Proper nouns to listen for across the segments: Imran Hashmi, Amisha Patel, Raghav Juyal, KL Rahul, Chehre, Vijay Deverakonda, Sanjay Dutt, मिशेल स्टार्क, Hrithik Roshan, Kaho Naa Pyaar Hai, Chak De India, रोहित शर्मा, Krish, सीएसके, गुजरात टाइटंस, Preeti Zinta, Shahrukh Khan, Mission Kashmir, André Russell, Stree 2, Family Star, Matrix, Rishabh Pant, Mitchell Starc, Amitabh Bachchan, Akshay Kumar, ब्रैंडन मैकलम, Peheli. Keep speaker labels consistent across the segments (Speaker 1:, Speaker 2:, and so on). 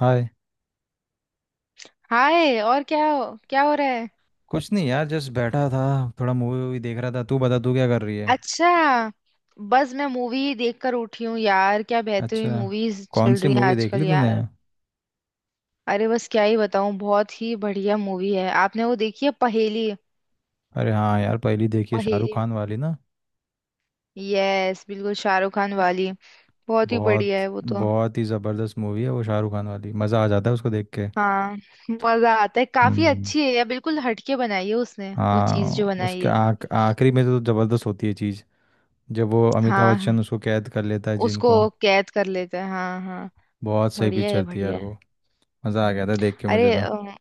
Speaker 1: हाय।
Speaker 2: Hi. और क्या हो रहा है?
Speaker 1: कुछ नहीं यार, जस्ट बैठा था। थोड़ा मूवी वूवी देख रहा था। तू बता, तू क्या कर रही है।
Speaker 2: अच्छा। बस मैं मूवी देखकर उठी हूँ यार। क्या बेहतरीन
Speaker 1: अच्छा।
Speaker 2: मूवीज
Speaker 1: कौन
Speaker 2: चल
Speaker 1: सी
Speaker 2: रही हैं
Speaker 1: मूवी देख
Speaker 2: आजकल
Speaker 1: ली तूने?
Speaker 2: यार। अरे बस क्या ही बताऊँ, बहुत ही बढ़िया मूवी है। आपने वो देखी है, पहेली?
Speaker 1: अरे हाँ यार, पहली देखी है, शाहरुख
Speaker 2: पहेली।
Speaker 1: खान वाली ना।
Speaker 2: यस, बिल्कुल शाहरुख खान वाली। बहुत ही
Speaker 1: बहुत।
Speaker 2: बढ़िया है वो तो।
Speaker 1: बहुत ही ज़बरदस्त मूवी है वो शाहरुख खान वाली, मज़ा आ जाता है उसको देख के।
Speaker 2: हाँ, मजा आता है। काफी
Speaker 1: हम्म।
Speaker 2: अच्छी है यार। बिल्कुल हटके बनाई है उसने वो चीज
Speaker 1: हाँ,
Speaker 2: जो बनाई
Speaker 1: उसके
Speaker 2: है।
Speaker 1: आख आखिरी में तो ज़बरदस्त होती है चीज़। जब वो अमिताभ बच्चन
Speaker 2: हाँ,
Speaker 1: उसको कैद कर लेता है
Speaker 2: उसको
Speaker 1: जिनको।
Speaker 2: कैद कर लेते हैं, हाँ हाँ।
Speaker 1: बहुत सही
Speaker 2: बढ़िया है
Speaker 1: पिक्चर थी यार
Speaker 2: बढ़िया है।
Speaker 1: वो। मज़ा आ गया
Speaker 2: हम्म।
Speaker 1: था देख के मुझे
Speaker 2: अरे
Speaker 1: तो।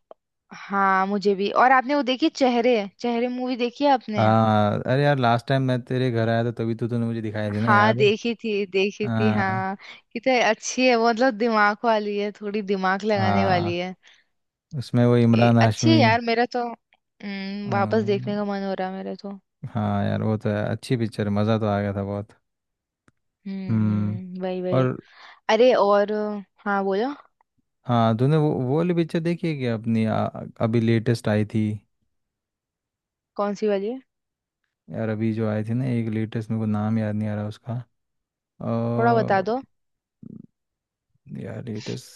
Speaker 2: हाँ, मुझे भी। और आपने वो देखी, चेहरे चेहरे मूवी देखी है आपने?
Speaker 1: हाँ, अरे यार लास्ट टाइम मैं तेरे घर आया था, तभी तो तूने मुझे दिखाई थी ना,
Speaker 2: हाँ,
Speaker 1: याद है?
Speaker 2: देखी थी देखी थी,
Speaker 1: हाँ।
Speaker 2: हाँ। कितनी अच्छी है वो। मतलब दिमाग वाली है, थोड़ी दिमाग लगाने वाली
Speaker 1: हाँ,
Speaker 2: है।
Speaker 1: उसमें वो
Speaker 2: ये
Speaker 1: इमरान
Speaker 2: अच्छी है
Speaker 1: हाशमी।
Speaker 2: यार, मेरा तो। वापस
Speaker 1: अम,
Speaker 2: देखने का मन हो रहा है मेरा तो।
Speaker 1: हाँ यार वो तो है, अच्छी पिक्चर। मज़ा तो आ गया था बहुत। हम्म।
Speaker 2: हम्म, वही वही।
Speaker 1: और।
Speaker 2: अरे और। हाँ, बोलो।
Speaker 1: हाँ, तूने वो वाली पिक्चर देखी है क्या अपनी? अभी लेटेस्ट आई थी।
Speaker 2: कौन सी वाली है?
Speaker 1: यार, अभी जो आई थी ना एक लेटेस्ट, मेरे को नाम याद नहीं आ रहा उसका।
Speaker 2: थोड़ा बता दो।
Speaker 1: अ, यार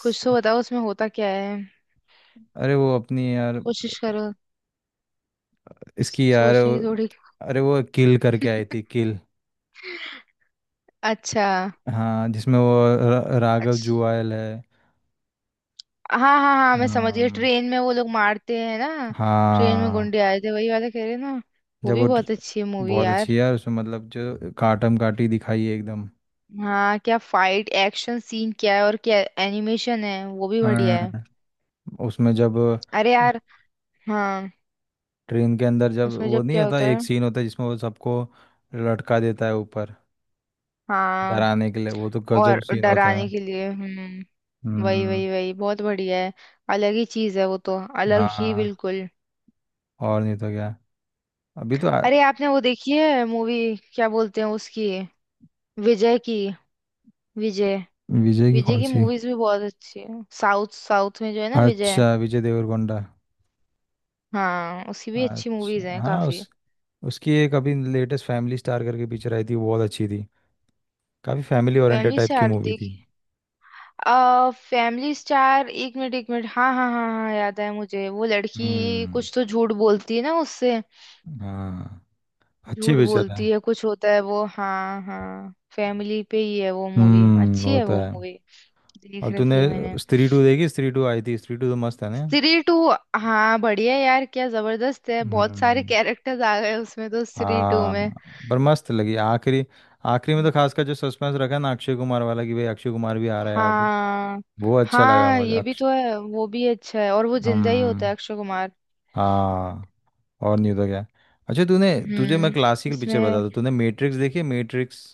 Speaker 2: कुछ तो बताओ, उसमें होता क्या है?
Speaker 1: अरे वो अपनी यार,
Speaker 2: कोशिश करो।
Speaker 1: इसकी यार
Speaker 2: सोचने की
Speaker 1: वो-
Speaker 2: थोड़ी।
Speaker 1: अरे वो किल करके आई थी, किल।
Speaker 2: अच्छा।
Speaker 1: हाँ, जिसमें वो राघव
Speaker 2: अच्छा,
Speaker 1: जुआल है।
Speaker 2: हाँ हाँ हाँ, मैं समझ गई।
Speaker 1: अम,
Speaker 2: ट्रेन में वो लोग मारते हैं ना। ट्रेन में
Speaker 1: हाँ।
Speaker 2: गुंडे आए थे, वही वाला कह रहे हैं ना। वो
Speaker 1: जब
Speaker 2: भी
Speaker 1: वो
Speaker 2: बहुत
Speaker 1: ड्र-
Speaker 2: अच्छी है मूवी
Speaker 1: बहुत अच्छी
Speaker 2: यार।
Speaker 1: है यार, उसमें मतलब जो काटम काटी दिखाई है एकदम।
Speaker 2: हाँ, क्या फाइट एक्शन सीन क्या है, और क्या एनिमेशन है, वो भी बढ़िया है।
Speaker 1: हाँ। उसमें जब
Speaker 2: अरे यार। हाँ।
Speaker 1: ट्रेन के अंदर जब
Speaker 2: उसमें
Speaker 1: वो
Speaker 2: जब
Speaker 1: नहीं
Speaker 2: क्या
Speaker 1: होता,
Speaker 2: होता है?
Speaker 1: एक सीन होता है जिसमें वो सबको लटका देता है ऊपर,
Speaker 2: हाँ,
Speaker 1: डराने के लिए। वो तो गजब
Speaker 2: और
Speaker 1: सीन होता
Speaker 2: डराने
Speaker 1: है।
Speaker 2: के लिए, हम्म। वही
Speaker 1: हम्म।
Speaker 2: वही वही, बहुत बढ़िया है। अलग ही चीज है वो तो, अलग ही
Speaker 1: हाँ,
Speaker 2: बिल्कुल।
Speaker 1: और नहीं तो क्या। अभी तो
Speaker 2: अरे आपने वो देखी है मूवी, क्या बोलते हैं उसकी, विजय की। विजय।
Speaker 1: विजय की
Speaker 2: विजय
Speaker 1: कौन
Speaker 2: की
Speaker 1: सी?
Speaker 2: मूवीज भी बहुत अच्छी है, साउथ साउथ में जो है ना, विजय।
Speaker 1: अच्छा विजय देवरकोंडा।
Speaker 2: हाँ, उसकी भी अच्छी मूवीज
Speaker 1: अच्छा
Speaker 2: हैं
Speaker 1: हाँ,
Speaker 2: काफी।
Speaker 1: उस उसकी एक अभी लेटेस्ट फैमिली स्टार करके पिक्चर आई थी, वो बहुत अच्छी थी। काफी फैमिली ओरिएंटेड
Speaker 2: फैमिली
Speaker 1: टाइप की
Speaker 2: स्टार
Speaker 1: मूवी थी।
Speaker 2: देखी। आ फैमिली स्टार, एक मिनट एक मिनट, हाँ हाँ हाँ हाँ, याद है मुझे। वो लड़की
Speaker 1: हम्म।
Speaker 2: कुछ तो झूठ बोलती है ना उससे।
Speaker 1: हाँ। अच्छी
Speaker 2: झूठ
Speaker 1: पिक्चर है।
Speaker 2: बोलती है, कुछ होता है वो, हाँ हाँ। फैमिली पे ही है वो मूवी, अच्छी
Speaker 1: वो
Speaker 2: है
Speaker 1: तो
Speaker 2: वो
Speaker 1: है।
Speaker 2: मूवी।
Speaker 1: और
Speaker 2: देख
Speaker 1: तूने
Speaker 2: रखी है मैंने।
Speaker 1: स्त्री टू देखी? स्त्री टू आई थी, स्त्री टू तो मस्त है ना।
Speaker 2: स्त्री टू। हाँ बढ़िया यार, क्या जबरदस्त है, बहुत सारे
Speaker 1: हम्म।
Speaker 2: कैरेक्टर्स आ गए उसमें तो, स्त्री टू में।
Speaker 1: हाँ, पर मस्त लगी आखिरी। आखिरी में तो खासकर जो सस्पेंस रखा है ना अक्षय कुमार वाला, कि भाई अक्षय कुमार भी आ रहा है अभी।
Speaker 2: हाँ
Speaker 1: वो अच्छा लगा
Speaker 2: हाँ,
Speaker 1: मुझे
Speaker 2: ये भी
Speaker 1: अक्ष
Speaker 2: तो है, वो भी अच्छा है। और वो
Speaker 1: हम।
Speaker 2: जिंदा ही होता है, अक्षय कुमार।
Speaker 1: हाँ, और नहीं तो क्या। अच्छा तूने, तुझे मैं
Speaker 2: हम्म।
Speaker 1: क्लासिकल पिक्चर
Speaker 2: इसमें?
Speaker 1: बता दूँ? तूने मैट्रिक्स देखी है? मैट्रिक्स।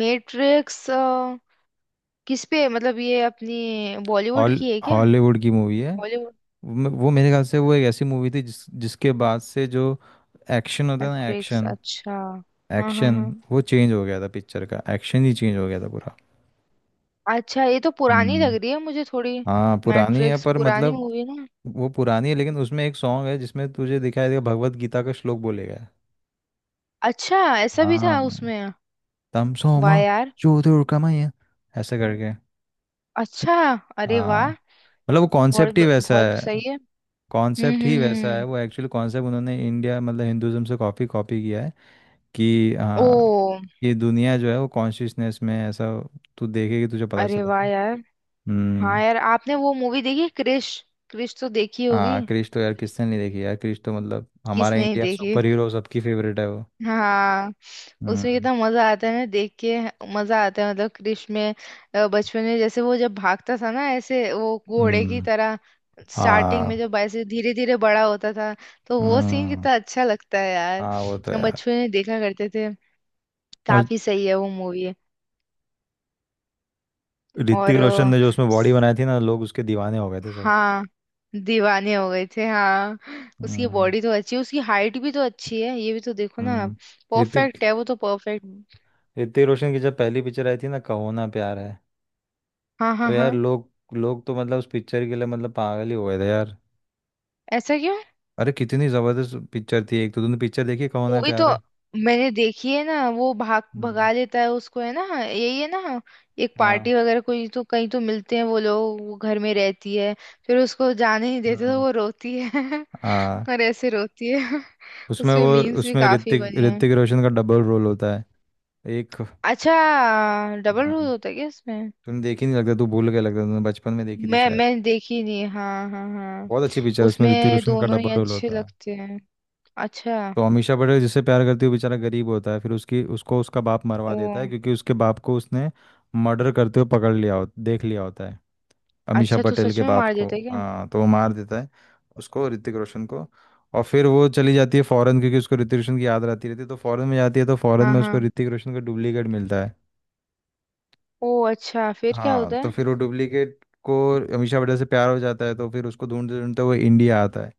Speaker 2: मैट्रिक्स? किस पे, मतलब ये अपनी बॉलीवुड
Speaker 1: हॉल
Speaker 2: की है क्या?
Speaker 1: हॉलीवुड की मूवी है।
Speaker 2: बॉलीवुड।
Speaker 1: वो मेरे ख्याल से वो एक ऐसी मूवी थी जिसके बाद से जो एक्शन होता है ना,
Speaker 2: मैट्रिक्स,
Speaker 1: एक्शन,
Speaker 2: अच्छा। हाँ हाँ
Speaker 1: एक्शन,
Speaker 2: हाँ।
Speaker 1: वो चेंज हो गया था, पिक्चर का एक्शन ही चेंज हो गया था पूरा।
Speaker 2: अच्छा, ये तो पुरानी लग
Speaker 1: हम्म।
Speaker 2: रही है मुझे थोड़ी।
Speaker 1: हाँ पुरानी है,
Speaker 2: मैट्रिक्स
Speaker 1: पर
Speaker 2: पुरानी
Speaker 1: मतलब
Speaker 2: मूवी ना।
Speaker 1: वो पुरानी है, लेकिन उसमें एक सॉन्ग है जिसमें तुझे दिखाई देगा, भगवत गीता का श्लोक बोलेगा।
Speaker 2: अच्छा, ऐसा भी था
Speaker 1: हाँ।
Speaker 2: उसमें?
Speaker 1: तम
Speaker 2: वाह
Speaker 1: सोमा
Speaker 2: यार।
Speaker 1: ज्योतिर्गमय, ऐसे करके।
Speaker 2: अच्छा। अरे
Speaker 1: हाँ,
Speaker 2: वाह।
Speaker 1: मतलब वो कॉन्सेप्ट ही
Speaker 2: बहुत
Speaker 1: वैसा
Speaker 2: बहुत
Speaker 1: है।
Speaker 2: सही है।
Speaker 1: कॉन्सेप्ट ही वैसा है,
Speaker 2: हम्म।
Speaker 1: वो एक्चुअल कॉन्सेप्ट उन्होंने इंडिया मतलब हिंदुज्म से कॉपी कॉपी किया है कि
Speaker 2: ओ।
Speaker 1: हाँ, ये दुनिया जो है वो कॉन्शियसनेस में है, ऐसा। तू देखेगी, तुझे पता
Speaker 2: अरे वाह
Speaker 1: चलेगा।
Speaker 2: यार।
Speaker 1: हम्म।
Speaker 2: हाँ यार, आपने वो मूवी देखी क्रिश? क्रिश तो देखी होगी।
Speaker 1: हाँ क्रिश तो यार किसने नहीं देखी, यार क्रिश तो मतलब हमारा
Speaker 2: किसने ही
Speaker 1: इंडिया
Speaker 2: देखी।
Speaker 1: सुपर हीरो, सबकी फेवरेट है वो।
Speaker 2: हाँ। उसमें
Speaker 1: हम्म।
Speaker 2: कितना मजा आता है ना देख के। मजा आता है, मतलब क्रिश में। बचपन में जैसे वो जब भागता था ना, ऐसे वो घोड़े की
Speaker 1: हम्म।
Speaker 2: तरह। स्टार्टिंग
Speaker 1: हाँ।
Speaker 2: में जब ऐसे धीरे धीरे बड़ा होता था, तो वो सीन
Speaker 1: हम्म।
Speaker 2: कितना अच्छा लगता है यार।
Speaker 1: हाँ वो तो
Speaker 2: हम
Speaker 1: यार।
Speaker 2: बचपन में देखा करते थे।
Speaker 1: और
Speaker 2: काफी सही है वो मूवी।
Speaker 1: ऋतिक रोशन
Speaker 2: और।
Speaker 1: ने जो उसमें बॉडी बनाई थी ना, लोग उसके दीवाने हो गए थे सब।
Speaker 2: हाँ। दीवाने हो गए थे, हाँ। उसकी
Speaker 1: हम्म।
Speaker 2: बॉडी तो अच्छी है, उसकी हाइट भी तो अच्छी है, ये भी तो देखो ना आप।
Speaker 1: हम्म। ऋतिक
Speaker 2: परफेक्ट है वो तो, परफेक्ट।
Speaker 1: ऋतिक रोशन की जब पहली पिक्चर आई थी ना, कहो ना प्यार है।
Speaker 2: हाँ हाँ
Speaker 1: तो
Speaker 2: हाँ।
Speaker 1: यार लोग लोग तो मतलब उस पिक्चर के लिए मतलब पागल ही हो गए थे यार।
Speaker 2: ऐसा क्यों?
Speaker 1: अरे कितनी जबरदस्त पिक्चर थी, एक तो तुमने पिक्चर देखी कहो ना
Speaker 2: मूवी तो
Speaker 1: प्यार है।
Speaker 2: मैंने देखी है ना। वो भाग
Speaker 1: हम्म।
Speaker 2: भगा लेता है उसको है ना, यही है ना? एक
Speaker 1: हाँ।
Speaker 2: पार्टी वगैरह, कोई तो, कहीं तो मिलते हैं वो लोग, वो घर में रहती है। फिर उसको जाने नहीं देते तो
Speaker 1: हम्म।
Speaker 2: वो रोती है।
Speaker 1: हाँ।
Speaker 2: और ऐसे रोती है।
Speaker 1: उसमें
Speaker 2: उसमें
Speaker 1: वो,
Speaker 2: मीम्स भी
Speaker 1: उसमें
Speaker 2: काफी
Speaker 1: ऋतिक
Speaker 2: बने हैं।
Speaker 1: ऋतिक रोशन का डबल रोल होता है। एक।
Speaker 2: अच्छा, डबल रोल
Speaker 1: हाँ
Speaker 2: होता है क्या इसमें?
Speaker 1: तुमने देखी नहीं लगता, तू भूल गया लगता, तुमने बचपन में देखी थी
Speaker 2: मैं
Speaker 1: शायद।
Speaker 2: मैं देखी नहीं, हाँ हाँ हाँ।
Speaker 1: बहुत अच्छी पिक्चर, उसमें ऋतिक
Speaker 2: उसमें
Speaker 1: रोशन का
Speaker 2: दोनों ही
Speaker 1: डबल रोल
Speaker 2: अच्छे
Speaker 1: होता है।
Speaker 2: लगते हैं। अच्छा।
Speaker 1: तो अमीषा पटेल जिससे प्यार करती है वो बेचारा गरीब होता है, फिर उसकी उसको उसका बाप मरवा
Speaker 2: ओ,
Speaker 1: देता है क्योंकि उसके बाप को उसने मर्डर करते हुए पकड़ लिया, हो देख लिया होता है। अमीषा
Speaker 2: अच्छा, तो
Speaker 1: पटेल
Speaker 2: सच
Speaker 1: के
Speaker 2: में
Speaker 1: बाप
Speaker 2: मार
Speaker 1: को
Speaker 2: देता है क्या?
Speaker 1: हाँ, तो वो मार देता है उसको, ऋतिक रोशन को। और फिर वो चली जाती है फॉरेन क्योंकि उसको ऋतिक रोशन की याद आती रहती है, तो फॉरेन में जाती है, तो फॉरेन
Speaker 2: हाँ
Speaker 1: में उसको
Speaker 2: हाँ।
Speaker 1: ऋतिक रोशन का डुप्लीकेट मिलता है।
Speaker 2: ओ अच्छा, फिर क्या
Speaker 1: हाँ,
Speaker 2: होता
Speaker 1: तो
Speaker 2: है?
Speaker 1: फिर वो डुप्लीकेट को, अमीषा बड़े से प्यार हो जाता है, तो फिर उसको ढूंढते ढूंढते वो इंडिया आता है।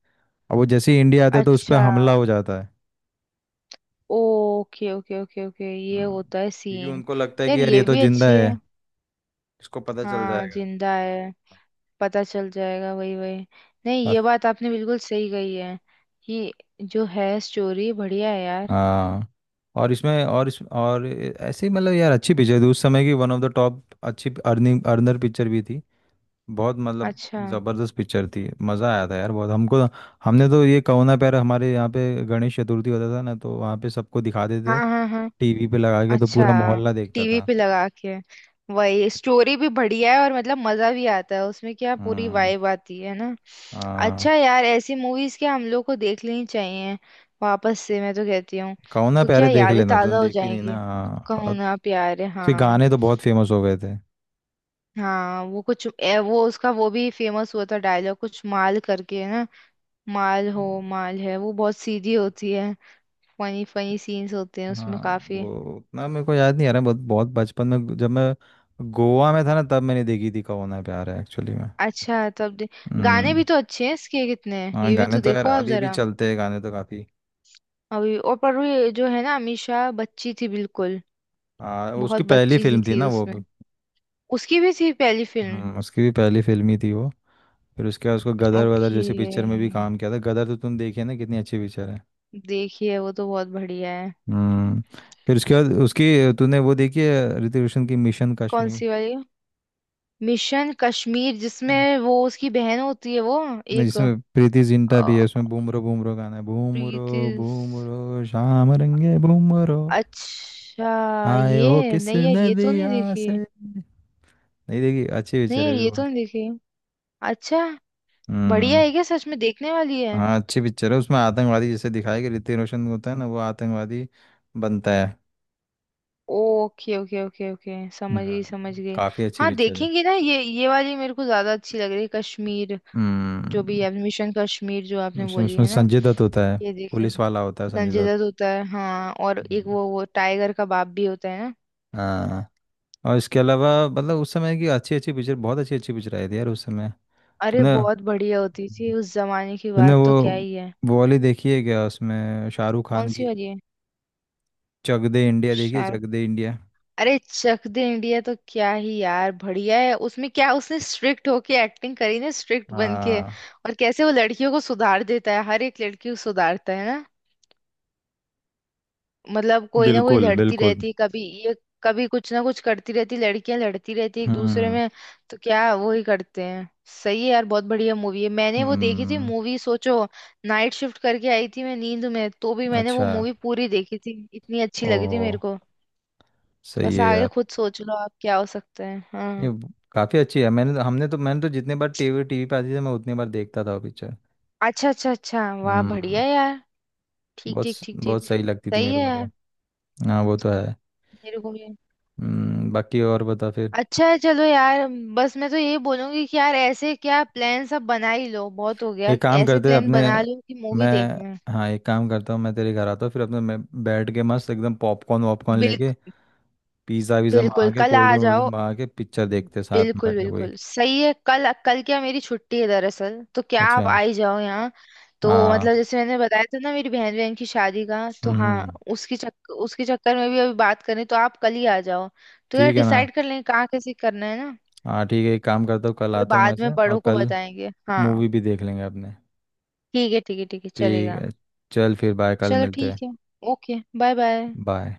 Speaker 1: अब वो जैसे ही इंडिया आता है, तो उस पर
Speaker 2: अच्छा
Speaker 1: हमला हो जाता है।
Speaker 2: ओके ओके ओके ओके, ये
Speaker 1: हम्म,
Speaker 2: होता है
Speaker 1: क्योंकि
Speaker 2: सीन।
Speaker 1: उनको लगता है
Speaker 2: यार
Speaker 1: कि यार ये
Speaker 2: ये
Speaker 1: तो
Speaker 2: भी
Speaker 1: जिंदा
Speaker 2: अच्छी
Speaker 1: है,
Speaker 2: है।
Speaker 1: इसको पता चल
Speaker 2: हाँ,
Speaker 1: जाएगा।
Speaker 2: जिंदा है, पता चल जाएगा, वही वही। नहीं, ये
Speaker 1: अ-
Speaker 2: बात आपने बिल्कुल सही कही है कि जो है स्टोरी बढ़िया है यार।
Speaker 1: हाँ, और इसमें और इस और ऐसे ही मतलब यार अच्छी पिक्चर थी उस समय की, वन ऑफ द टॉप अच्छी अर्निंग अर्नर पिक्चर भी थी। बहुत मतलब
Speaker 2: अच्छा।
Speaker 1: ज़बरदस्त पिक्चर थी, मज़ा आया था यार बहुत हमको। हमने तो ये कहो ना प्यार, हमारे यहाँ पे गणेश चतुर्थी होता था ना, तो वहाँ पे सबको दिखा
Speaker 2: हाँ
Speaker 1: देते
Speaker 2: हाँ हाँ।
Speaker 1: टीवी पे लगा के, तो
Speaker 2: अच्छा,
Speaker 1: पूरा मोहल्ला देखता
Speaker 2: टीवी
Speaker 1: था।
Speaker 2: पे लगा के, वही। स्टोरी भी बढ़िया है, और मतलब मजा भी आता है उसमें। क्या पूरी
Speaker 1: हम्म।
Speaker 2: वाइब आती है ना। अच्छा
Speaker 1: हाँ,
Speaker 2: यार, ऐसी मूवीज क्या हम लोग को देख लेनी चाहिए, वापस से मैं तो कहती हूँ।
Speaker 1: कहो ना
Speaker 2: तो क्या
Speaker 1: प्यारे देख
Speaker 2: यादें
Speaker 1: लेना,
Speaker 2: ताजा
Speaker 1: तुमने
Speaker 2: हो
Speaker 1: देखी नहीं
Speaker 2: जाएंगी।
Speaker 1: ना, हाँ।
Speaker 2: कहो
Speaker 1: और
Speaker 2: ना प्यार है,
Speaker 1: उसके
Speaker 2: हाँ।
Speaker 1: गाने तो बहुत फेमस हो गए थे।
Speaker 2: हाँ, वो कुछ वो उसका वो भी फेमस हुआ था डायलॉग, कुछ माल करके है ना। माल हो, माल है वो, बहुत सीधी होती है। फनी फनी सीन्स होते हैं उसमें
Speaker 1: हाँ,
Speaker 2: काफी।
Speaker 1: वो उतना मेरे को याद नहीं आ रहा। बहुत बहुत बचपन में जब मैं गोवा में था ना, तब मैंने देखी थी कहो ना प्यार है एक्चुअली में।
Speaker 2: अच्छा, तब दे। गाने
Speaker 1: हम्म।
Speaker 2: भी तो अच्छे हैं इसके, कितने हैं
Speaker 1: हाँ
Speaker 2: ये भी
Speaker 1: गाने
Speaker 2: तो
Speaker 1: तो यार
Speaker 2: देखो आप
Speaker 1: अभी भी
Speaker 2: जरा।
Speaker 1: चलते हैं, गाने तो काफ़ी।
Speaker 2: अभी और, पर वो ये जो है ना अमीषा बच्ची थी बिल्कुल,
Speaker 1: हाँ,
Speaker 2: बहुत
Speaker 1: उसकी पहली
Speaker 2: बच्ची सी
Speaker 1: फिल्म थी
Speaker 2: थी
Speaker 1: ना वो
Speaker 2: उसमें।
Speaker 1: भी।
Speaker 2: उसकी भी थी पहली फिल्म।
Speaker 1: उसकी भी पहली फिल्म ही थी वो। फिर उसके बाद उसको गदर वदर
Speaker 2: ओके।
Speaker 1: जैसी पिक्चर में भी काम किया था, गदर तो तुम देखी है ना, कितनी अच्छी पिक्चर है।
Speaker 2: देखिए, वो तो बहुत बढ़िया है।
Speaker 1: हम्म। फिर उसके बाद उसकी, तूने वो देखी है ऋतिक रोशन की, मिशन
Speaker 2: कौन
Speaker 1: कश्मीर?
Speaker 2: सी वाली? मिशन कश्मीर,
Speaker 1: हम्म।
Speaker 2: जिसमें वो उसकी बहन होती है वो?
Speaker 1: नहीं,
Speaker 2: एक
Speaker 1: जिसमें प्रीति जिंटा
Speaker 2: अ,
Speaker 1: भी है, उसमें बूमरो बूमरो गाना है, बूमरो
Speaker 2: प्रीति स-
Speaker 1: बूमरो शाम रंगे बूमरो,
Speaker 2: अच्छा,
Speaker 1: आए हो
Speaker 2: ये
Speaker 1: किस
Speaker 2: नहीं यार, ये तो नहीं
Speaker 1: नदिया
Speaker 2: देखी
Speaker 1: से।
Speaker 2: है।
Speaker 1: नहीं देखी, अच्छी
Speaker 2: नहीं
Speaker 1: पिक्चर है
Speaker 2: यार,
Speaker 1: भी
Speaker 2: ये तो
Speaker 1: बहुत।
Speaker 2: नहीं देखी है। अच्छा, बढ़िया
Speaker 1: हम्म।
Speaker 2: है क्या, सच में देखने वाली है?
Speaker 1: हाँ अच्छी पिक्चर है, उसमें आतंकवादी जैसे दिखाया कि ऋतिक रोशन होता है ना, वो आतंकवादी बनता है।
Speaker 2: ओके ओके ओके ओके, समझ
Speaker 1: हम्म
Speaker 2: गई समझ गई।
Speaker 1: काफी अच्छी
Speaker 2: हाँ
Speaker 1: पिक्चर है।
Speaker 2: देखेंगे ना, ये वाली मेरे को ज्यादा अच्छी लग रही है, कश्मीर, जो भी
Speaker 1: हम्म
Speaker 2: है, मिशन कश्मीर जो आपने
Speaker 1: उसमें
Speaker 2: बोली
Speaker 1: उसमें
Speaker 2: है ना।
Speaker 1: संजय दत्त होता है,
Speaker 2: ये देखें।
Speaker 1: पुलिस वाला होता है
Speaker 2: संजय
Speaker 1: संजय
Speaker 2: दत्त होता है, हाँ, और एक
Speaker 1: दत्त।
Speaker 2: वो टाइगर का बाप भी होता है ना।
Speaker 1: हाँ, और इसके अलावा मतलब उस समय की अच्छी अच्छी पिक्चर, बहुत अच्छी अच्छी पिक्चर आई थी यार उस समय।
Speaker 2: अरे
Speaker 1: तूने
Speaker 2: बहुत बढ़िया होती थी, उस जमाने की
Speaker 1: तूने
Speaker 2: बात तो क्या ही है।
Speaker 1: वो वाली देखी है क्या, उसमें शाहरुख
Speaker 2: कौन
Speaker 1: खान
Speaker 2: सी
Speaker 1: की?
Speaker 2: वाली है?
Speaker 1: चक दे इंडिया देखी है
Speaker 2: शाहरुख।
Speaker 1: चक दे इंडिया?
Speaker 2: अरे चक दे इंडिया तो क्या ही यार बढ़िया है, उसमें क्या उसने स्ट्रिक्ट होके एक्टिंग करी ना, स्ट्रिक्ट बन के,
Speaker 1: हाँ
Speaker 2: और कैसे वो लड़कियों को सुधार देता है, हर एक लड़की को सुधारता है। मतलब कोई ना कोई
Speaker 1: बिल्कुल
Speaker 2: लड़ती
Speaker 1: बिल्कुल।
Speaker 2: रहती कभी, ये, कभी कुछ ना कुछ करती रहती, लड़कियां लड़ती रहती एक दूसरे
Speaker 1: हम्म।
Speaker 2: में। तो क्या वो ही करते हैं, सही है यार, बहुत बढ़िया मूवी है। मैंने वो देखी थी
Speaker 1: हम्म।
Speaker 2: मूवी, सोचो, नाइट शिफ्ट करके आई थी मैं, नींद में तो भी मैंने वो
Speaker 1: अच्छा।
Speaker 2: मूवी पूरी देखी थी, इतनी अच्छी लगी थी
Speaker 1: ओह।
Speaker 2: मेरे को।
Speaker 1: सही
Speaker 2: बस
Speaker 1: है
Speaker 2: आगे
Speaker 1: यार।
Speaker 2: खुद सोच लो आप क्या हो सकता है, हाँ।
Speaker 1: काफी अच्छी है, मैंने तो जितने बार टीवी टीवी पे आती थी, मैं उतनी बार देखता था वो पिक्चर।
Speaker 2: अच्छा अच्छा अच्छा, वाह
Speaker 1: हम्म।
Speaker 2: बढ़िया यार। ठीक ठीक ठीक ठीक।
Speaker 1: बहुत सही लगती थी
Speaker 2: सही
Speaker 1: मेरे
Speaker 2: है
Speaker 1: को तो।
Speaker 2: यार,
Speaker 1: हाँ वो तो है।
Speaker 2: मेरे को भी।
Speaker 1: बाकी और बता फिर।
Speaker 2: अच्छा है, चलो यार। बस मैं तो यही बोलूंगी कि यार, ऐसे क्या प्लान सब बना ही लो, बहुत हो गया,
Speaker 1: एक
Speaker 2: कि
Speaker 1: काम
Speaker 2: ऐसे
Speaker 1: करते हैं
Speaker 2: प्लान
Speaker 1: अपने
Speaker 2: बना लो कि मूवी
Speaker 1: मैं
Speaker 2: देखना है।
Speaker 1: हाँ, एक काम करता हूँ, मैं तेरे घर आता हूँ, फिर अपने मैं बैठ के मस्त एकदम पॉपकॉर्न वॉपकॉर्न
Speaker 2: बिल,
Speaker 1: लेके पिज़्ज़ा वीज़ा मंगा
Speaker 2: बिल्कुल
Speaker 1: के
Speaker 2: कल
Speaker 1: कोल्ड
Speaker 2: आ
Speaker 1: ड्रिंक वोल्ड
Speaker 2: जाओ।
Speaker 1: ड्रिंक मंगा के पिक्चर देखते हैं साथ में
Speaker 2: बिल्कुल
Speaker 1: बैठ के कोई।
Speaker 2: बिल्कुल सही है, कल, कल क्या मेरी छुट्टी है दरअसल, तो क्या आप
Speaker 1: अच्छा।
Speaker 2: आ ही जाओ यहाँ। तो
Speaker 1: हाँ।
Speaker 2: मतलब जैसे मैंने बताया था ना, मेरी बहन बहन की शादी का तो,
Speaker 1: हम्म।
Speaker 2: हाँ। उसकी चक्कर उसके चक्कर में भी अभी बात करें, तो आप कल ही आ जाओ। तो यार
Speaker 1: ठीक है ना।
Speaker 2: डिसाइड कर लें कहाँ कैसे करना है ना।
Speaker 1: हाँ ठीक है, एक काम करता हूँ, कल
Speaker 2: फिर
Speaker 1: आता हूँ मैं
Speaker 2: बाद में
Speaker 1: से, और
Speaker 2: बड़ों को
Speaker 1: कल
Speaker 2: बताएंगे, हाँ।
Speaker 1: मूवी भी देख लेंगे अपने।
Speaker 2: ठीक है ठीक है ठीक है,
Speaker 1: ठीक
Speaker 2: चलेगा।
Speaker 1: है। चल फिर, बाय, कल
Speaker 2: चलो
Speaker 1: मिलते हैं।
Speaker 2: ठीक है। Okay, bye bye.
Speaker 1: बाय।